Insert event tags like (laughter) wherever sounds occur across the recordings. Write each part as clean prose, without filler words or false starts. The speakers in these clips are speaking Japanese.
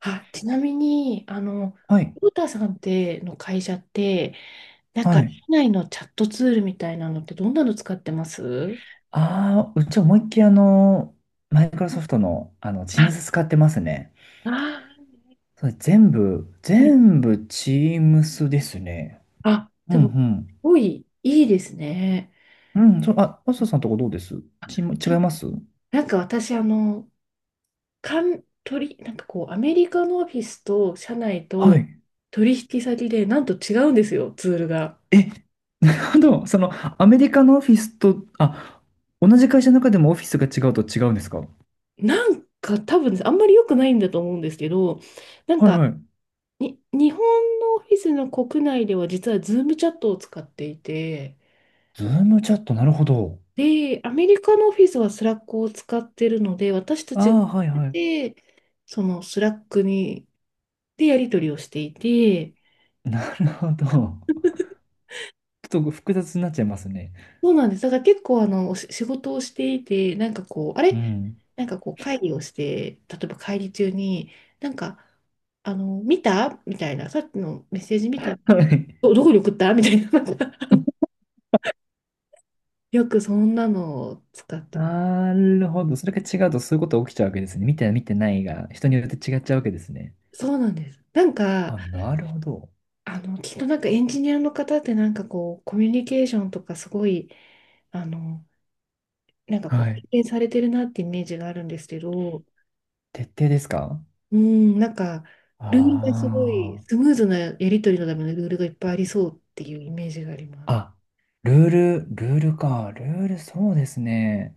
あ、ちなみに、はい、ローターさんっての会社って、は社い。内のチャットツールみたいなのってどんなの使ってます？ああ、うち思いっきりマイクロソフトの、あ、Teams 使ってますね。あそれー、はい。全部 Teams ですね。あ、うでも、すんごいいいですね。うん。うん、そう、あ、マスターさんとこどうです？チーム、な違いんます？なんか私、かん、取り、アメリカのオフィスと社内はとい。取引先で、なんと違うんですよ、ツールが。え、ただ、アメリカのオフィスと、あ、同じ会社の中でもオフィスが違うと違うんですか？は多分、あんまり良くないんだと思うんですけど、なんいか、はい。日本のオフィスの国内では実はズームチャットを使っていて、ズームチャット、なるほど。で、アメリカのオフィスはスラックを使ってるので、私たあちがあ、はいはい。で、そのスラックに、でやり取りをしていて、なるほど。ちょっと複雑になっちゃいますね。そうなんです。だから結構お仕事をしていて、あうれ、ん。会議をして、例えば会議中に、なんか、見たみたいな、さっきのメッセージ見た、はい、どこに送ったみたいな、なんかあ (laughs) よくそんなのを使ってます。なるほど。それが違うとそういうことが起きちゃうわけですね。見て見てないが、人によって違っちゃうわけですね。そうなんです。あ、なるほど。きっとなんかエンジニアの方ってなんかこう、コミュニケーションとかすごい、あの、は経い。験されてるなってイメージがあるんですけど、徹底ですか？うん、なんか、あルールがすごい、あスー。ムーズなやり取りのためのルールがいっぱいありそうっていうイメージがあります。あ、ルール、ルールか。ルール、そうですね。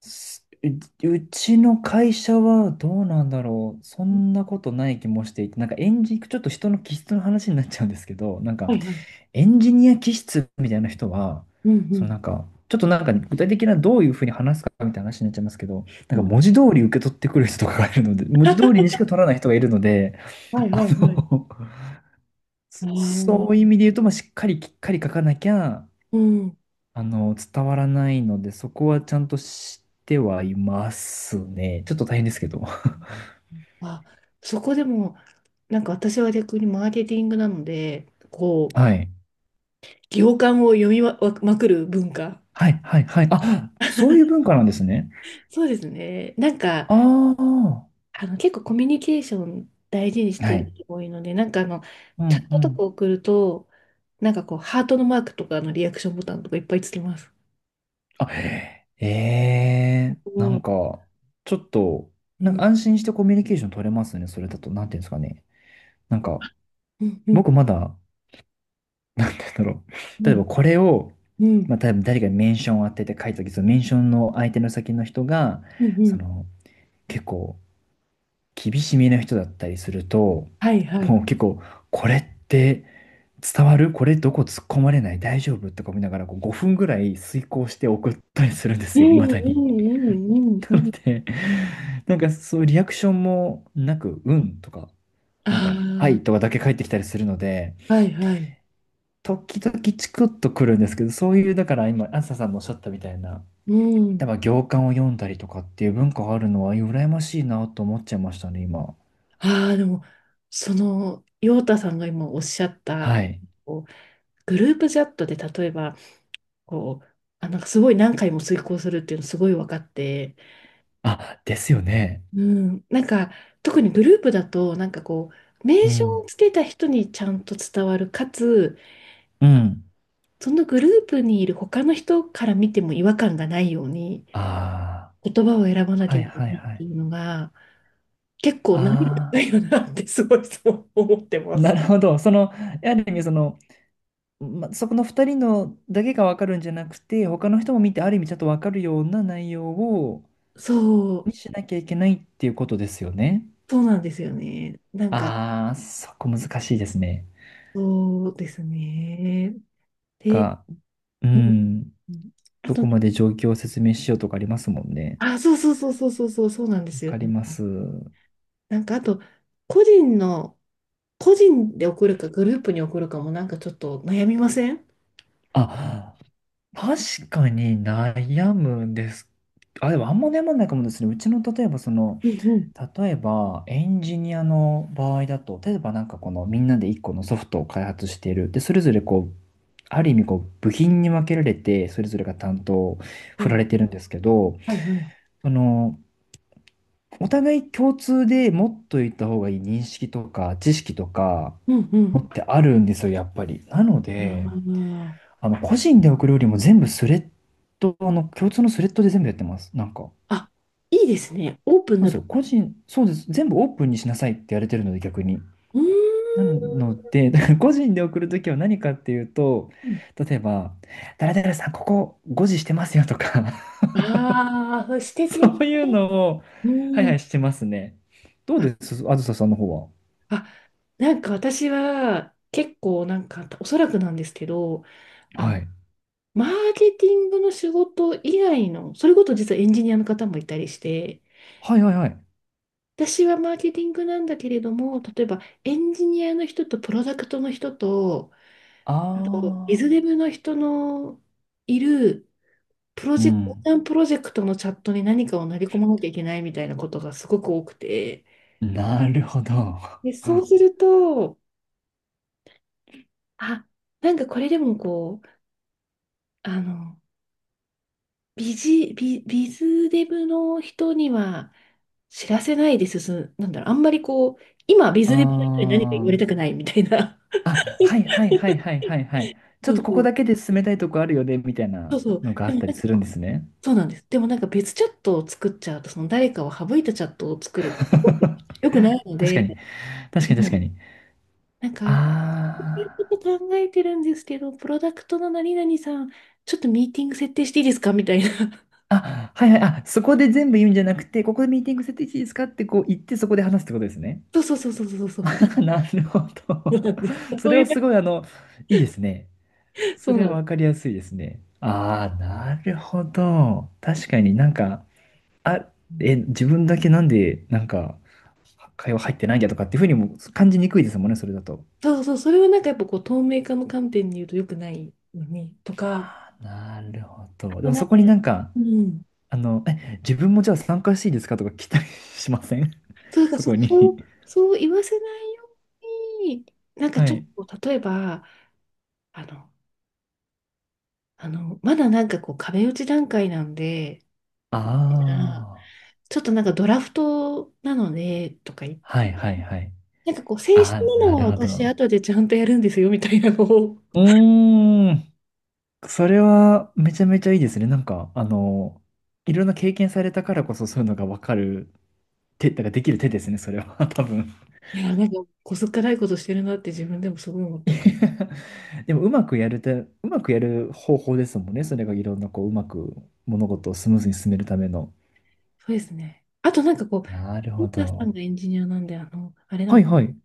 す、う、うちの会社はどうなんだろう。そんなことない気もしていて、なんか演じ、ちょっと人の気質の話になっちゃうんですけど、なんか、はいはい。エンジニア気質みたいな人は、うんそうのなんか、ちょっとなんか具体的などういうふうに話すかみたいな話になっちゃいますけど、なん。んうかん。文字通り受け取ってくる人とかがいるので、文字通りにしか取らない人がいるので、はいはいあはい。の、あそ (laughs) そういあ。う意味で言うと、まあ、しっかりきっかり書かなきゃ、うん。伝わらないので、そこはちゃんと知ってはいますね。ちょっと大変ですけど。あ、そこでも、私は逆にマーケティングなので、こう、はい。行間を読みま、まくる文化。はい、はい、はい。あ、そういう文化なんですね。そうですね。ああ。結構コミュニケーション大事にしてはいるい。人が多いので、うチャん、ッうトとかん。送ると、ハートのマークとかのリアクションボタンとかいっぱいつけます。あ、えおえなー。んか、ちょっと、うなんん、か安心してコミュニケーション取れますね、それだと。なんていうんですかね。なんか、うん、うん、僕まだ、なんて言うんだろう。(laughs) は例えい、ばこれを、うん、まあ、多分誰かにメンションを当てて書いたとき、そのメンションの相手の先の人が、うん、うそん、の、結構、厳しめな人だったりすると、はい、はもうい。結構、これって伝わる？これどこ突っ込まれない？大丈夫？とか見ながら、こう5分ぐらい遂行して送ったりするんでうすよ、未ん、だうに。ん、うん、うん、うなのん。で、なんかそういうリアクションもなく、うんとか、なんあか、はいとかだけ返ってきたりするので、あ、はい、はい。時々チクッとくるんですけど、そういう、だから今、あずささんのおっしゃったみたいな、う例えん。ば行間を読んだりとかっていう文化があるのは、羨ましいなと思っちゃいましたね、今。ああ、でも、その、陽太さんが今おっしゃっはた、い。こうグループチャットで例えば、こう、あ、なんかすごい何回も遂行するっていうのすごい分かって、あ、ですよね。うん、なんか特にグループだと、名う称ん。をつけた人にちゃんと伝わる、かつ、うん。そのグループにいる他の人から見ても違和感がないように、あ言葉を選ばあ、なはきゃいいけなはいいっはてい。いうのが、結構難易度あ高いよあ、なってすごいそう思ってまなるす。ほど。や意りま、そこの2人のだけが分かるんじゃなくて、他の人も見てある意味ちゃんと分かるような内容をそう、にしなきゃいけないっていうことですよね。そうなんですよね。ああ、そこ難しいですね。そうですね。で、が、うん、うん、あどと、こまで状況を説明しようとかありますもんね。あ、そうそうそうそうそうそうそうなんでわすよかりまね。す。なんかあと、個人の、個人で送るかグループに送るかもなんかちょっと悩みません？あ、確かに悩むんです。あ、でもあんま悩まないかもですね。うちの例えばその、うんうん。例えば、エンジニアの場合だと、例えばなんかこのみんなで一個のソフトを開発している。で、それぞれこう、ある意味こう、部品に分けられて、それぞれが担当をは振らい。れてるんですけど、はい、はい。その、お互い共通で持っといた方がいい認識とか知識とか、うんう持ん。ってあるんですよ、やっぱり。なのあで、ー。個人で送るよりも全部スレッド、あの、共通のスレッドで全部やってます。なんか。あ、いいですね。オープンそうなです部よ。個人、そうです。全部オープンにしなさいってやれてるので、逆に。な分。ので、(laughs) だから個人で送るときは何かっていうと、うーん。例えば、誰々さん、ここ5時してますよとか。 ああ、素 (laughs) 敵。そういうのを、うはいはん。い、してますね。どうあ、ですあずささんの方は？あ、私は結構おそらくなんですけど、あはい。マーケティングの仕事以外の、それこそ実はエンジニアの方もいたりして、はいはいはい。私はマーケティングなんだけれども、例えばエンジニアの人とプロダクトの人と、あとビズあデブの人のいるプロー、うジェクト、横ん。断プロジェクトのチャットに何かを投げ込まなきゃいけないみたいなことがすごく多くて、なるほど。(laughs) で、そうあすると、あ、なんかこれでもこう、あの、ビジ、ビ、ビズデブの人には、知らせないで進む、なんだろう、あんまりこう、今、ビズデブの人に何か言われー。たくないみたいな。あ、はいはいはいはいはいはい。(laughs) ちょそっとうこそこう、だけで進めたいとこあるよね、みたいそなうそう。のがあでっもたなりんかするんこでう、すね。そうなんです。でもなんか別チャットを作っちゃうと、その誰かを省いたチャットを作るってすごく良くないの (laughs) 確かで、に、確そかに確かう、に。なんあか、ちー。ょっと考えてるんですけど、プロダクトの何々さん、ちょっとミーティング設定していいですかみたいな。あ、はいはい、あ、そこで全部言うんじゃなくて、ここでミーティング設定していいですかってこう言って、そこで話すってことですね。(laughs) そうそうそうそうそうそうそう。(laughs) なるほそうど。なんです。(laughs) そそうれいはう、すごい、いいですね。そそうれなんはでわかす。りやすいですね。ああ、なるほど。確かになんか、あ、うえ、ん。自分だけなんで、なんか、会話入ってないんだとかっていうふうにも感じにくいですもんね、それだと。そう、それはなんかやっぱこう透明化の観点に言うと良くないのにとか、なるほあど。でともなんそか、こになんか、うん。え、自分もじゃあ参加していいですかとか来たりしません？ そう (laughs) だ、そこそに。う、そう言わせないように、なんかはちょっい。と、例えば、あの、あの、まだなんかこう壁打ち段階なんで、あうん、あ。ちょっとなんかドラフトなので、とか言って、はいはいはい。正式ああ、なのなはるほ私ど。後でちゃんとやるんですよ、みたいなのを、うーん。それはめちゃめちゃいいですね。なんか、いろんな経験されたからこそそういうのがわかる手、なんかできる手ですね、それは。(laughs) 多分。こすっかないことしてるなって自分でもすごい思っ (laughs) ています。やでも、うまくやるて、うまくやる方法ですもんね。それがいろんな、こう、うまく物事をスムーズに進めるための。そうですね。あとなんかこなるう、ほ森田さんど。がエンジニアなんで、あの、あれなはいの、はい。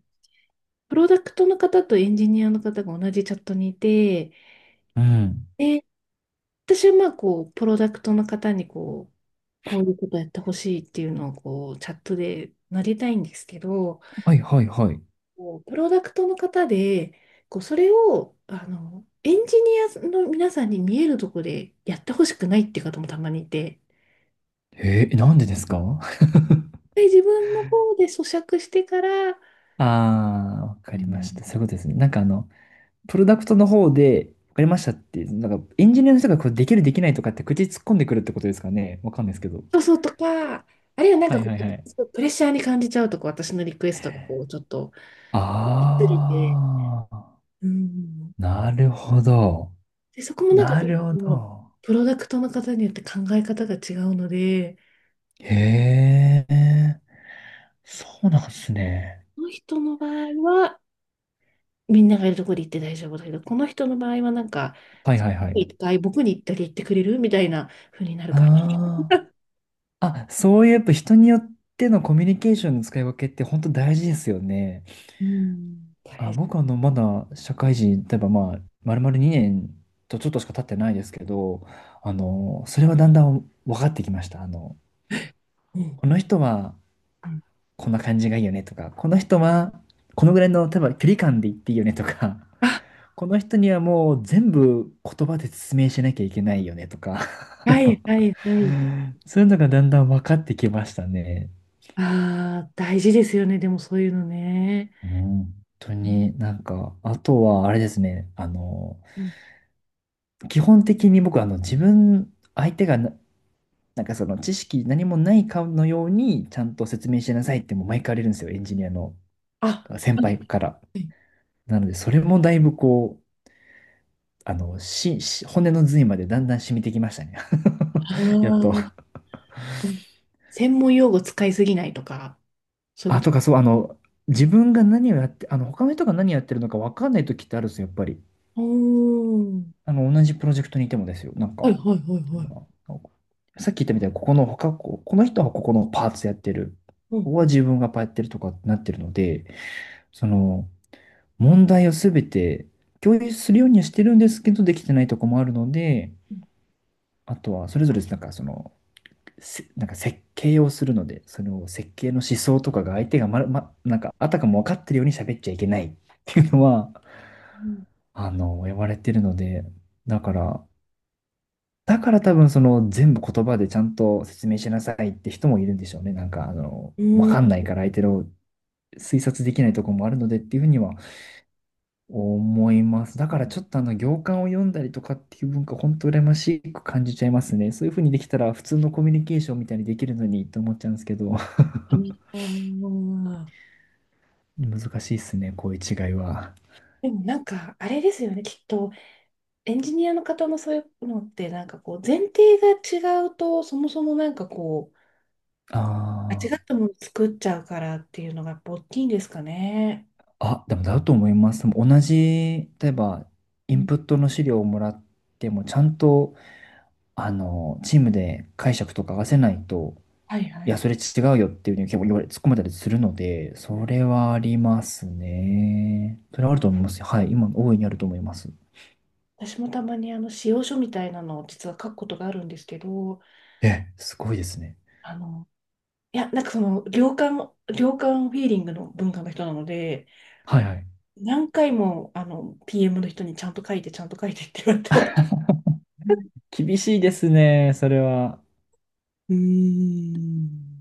プロダクトの方とエンジニアの方が同じチャットにいて、うん。で、私はまあこう、プロダクトの方にこう、こういうことやってほしいっていうのをこう、チャットで投げたいんですけど、はいはいはい。こうプロダクトの方で、こう、それを、あの、エンジニアの皆さんに見えるところでやってほしくないっていう方もたまにいて、えー、なんでですか？ (laughs) で自分の方で咀嚼してから、ああー、わうかりました。ん。そういうことですね。なんかあの、プロダクトの方で、わかりましたって、なんかエンジニアの人がこれできるできないとかって口突っ込んでくるってことですかね。わかんないですけど。そうそうとか、あるいはなんはかいこはいはい。う、プレッシャーに感じちゃうとこう、私のリクエストがこう、ちょっと、ずれて、ああ、うん、なるほど。で、そこもなんかな結るほ構、ど。プロダクトの方によって考え方が違うので、へえ、そうなんですね。この人の場合は、みんながいるところに行って大丈夫だけど、この人の場合はなんか、はいそっちはいはい。に行ったり僕に行ったり行ってくれるみたいな風になるから。ああ、あ、そういうやっぱ人によってのコミュニケーションの使い分けって本当大事ですよね。うん。大あ、変。僕あの、まだ社会人、例えばまあ、丸々2年とちょっとしか経ってないですけど、それはだんだん分かってきました。あの、うんこうのん人はうん。こんな感じがいいよねとか、この人はこのぐらいの、例えば距離感で言っていいよねとか、あ、(laughs) この人にはもう全部言葉で説明しなきゃいけないよねとか、(laughs) あはいのはいはい。そういうのがだんだん分かってきましたね。ああ、大事ですよね。でもそういうのね。うん、本当うんになんか、あとはあれですね、うん。基本的に僕、あの、自分、相手がな、なんかその知識何もないかのようにちゃんと説明しなさいってもう毎回言われるんですよ、エンジニアのあ、先輩から。なので、それもだいぶこう、あの、し、し骨の髄までだんだん染みてきましたね。あ (laughs) やっと。ー。うん。専門用語使いすぎないとか、そういうあ、ことと。かそう、自分が何をやって、あの、他の人が何やってるのか分かんない時ってあるんですよ、やっぱり。おー。あの、同じプロジェクトにいてもですよ。なんか、はまいはいはいはい。あさっき言ったみたいに、ここの他、ここの人はここのパーツやってる。うここん。は自分がパーやってるとかなってるので、その、問題をすべて共有するようにはしてるんですけど、できてないとこもあるので、あとはそれぞれなんかその、せなんか設計をするので、その設計の思想とかが相手がまる、ま、なんかあたかも分かってるように喋っちゃいけないっていうのは、うん。言われてるので、だから、だから多分その全部言葉でちゃんと説明しなさいって人もいるんでしょうね。なんかあの、う分ーかんないん。から相手の推察できないとこもあるのでっていうふうには思います。だからちょっとあの行間を読んだりとかっていう文化、本当羨ましく感じちゃいますね。そういう風にできたら普通のコミュニケーションみたいにできるのにと思っちゃうんですけど、(laughs) あー。難しいですね、こういう違いは。でもなんか、あれですよね、きっと、エンジニアの方のそういうのって、前提が違うと、そもそも、間違っあたもの作っちゃうからっていうのが、大きいんですかね。あ、あ、でもだと思います。でも同じ、例えばイうンん。プットの資料をもらっても、ちゃんとあのチームで解釈とか合わせないと、はいはいや、い。それ違うよっていうふうに結構言われ、突っ込まれたりするので、それはありますね。それはあると思いますよ。はい。今、大いにあると思います。私もたまにあの、仕様書みたいなのを実は書くことがあるんですけど、え、すごいですね。あの、いや、なんかその、良寛、良寛フィーリングの文化の人なので、はいはい。何回も、あの、PM の人にちゃんと書いて、ちゃんと書いてって言われてます。厳しいですね、それは。うーん。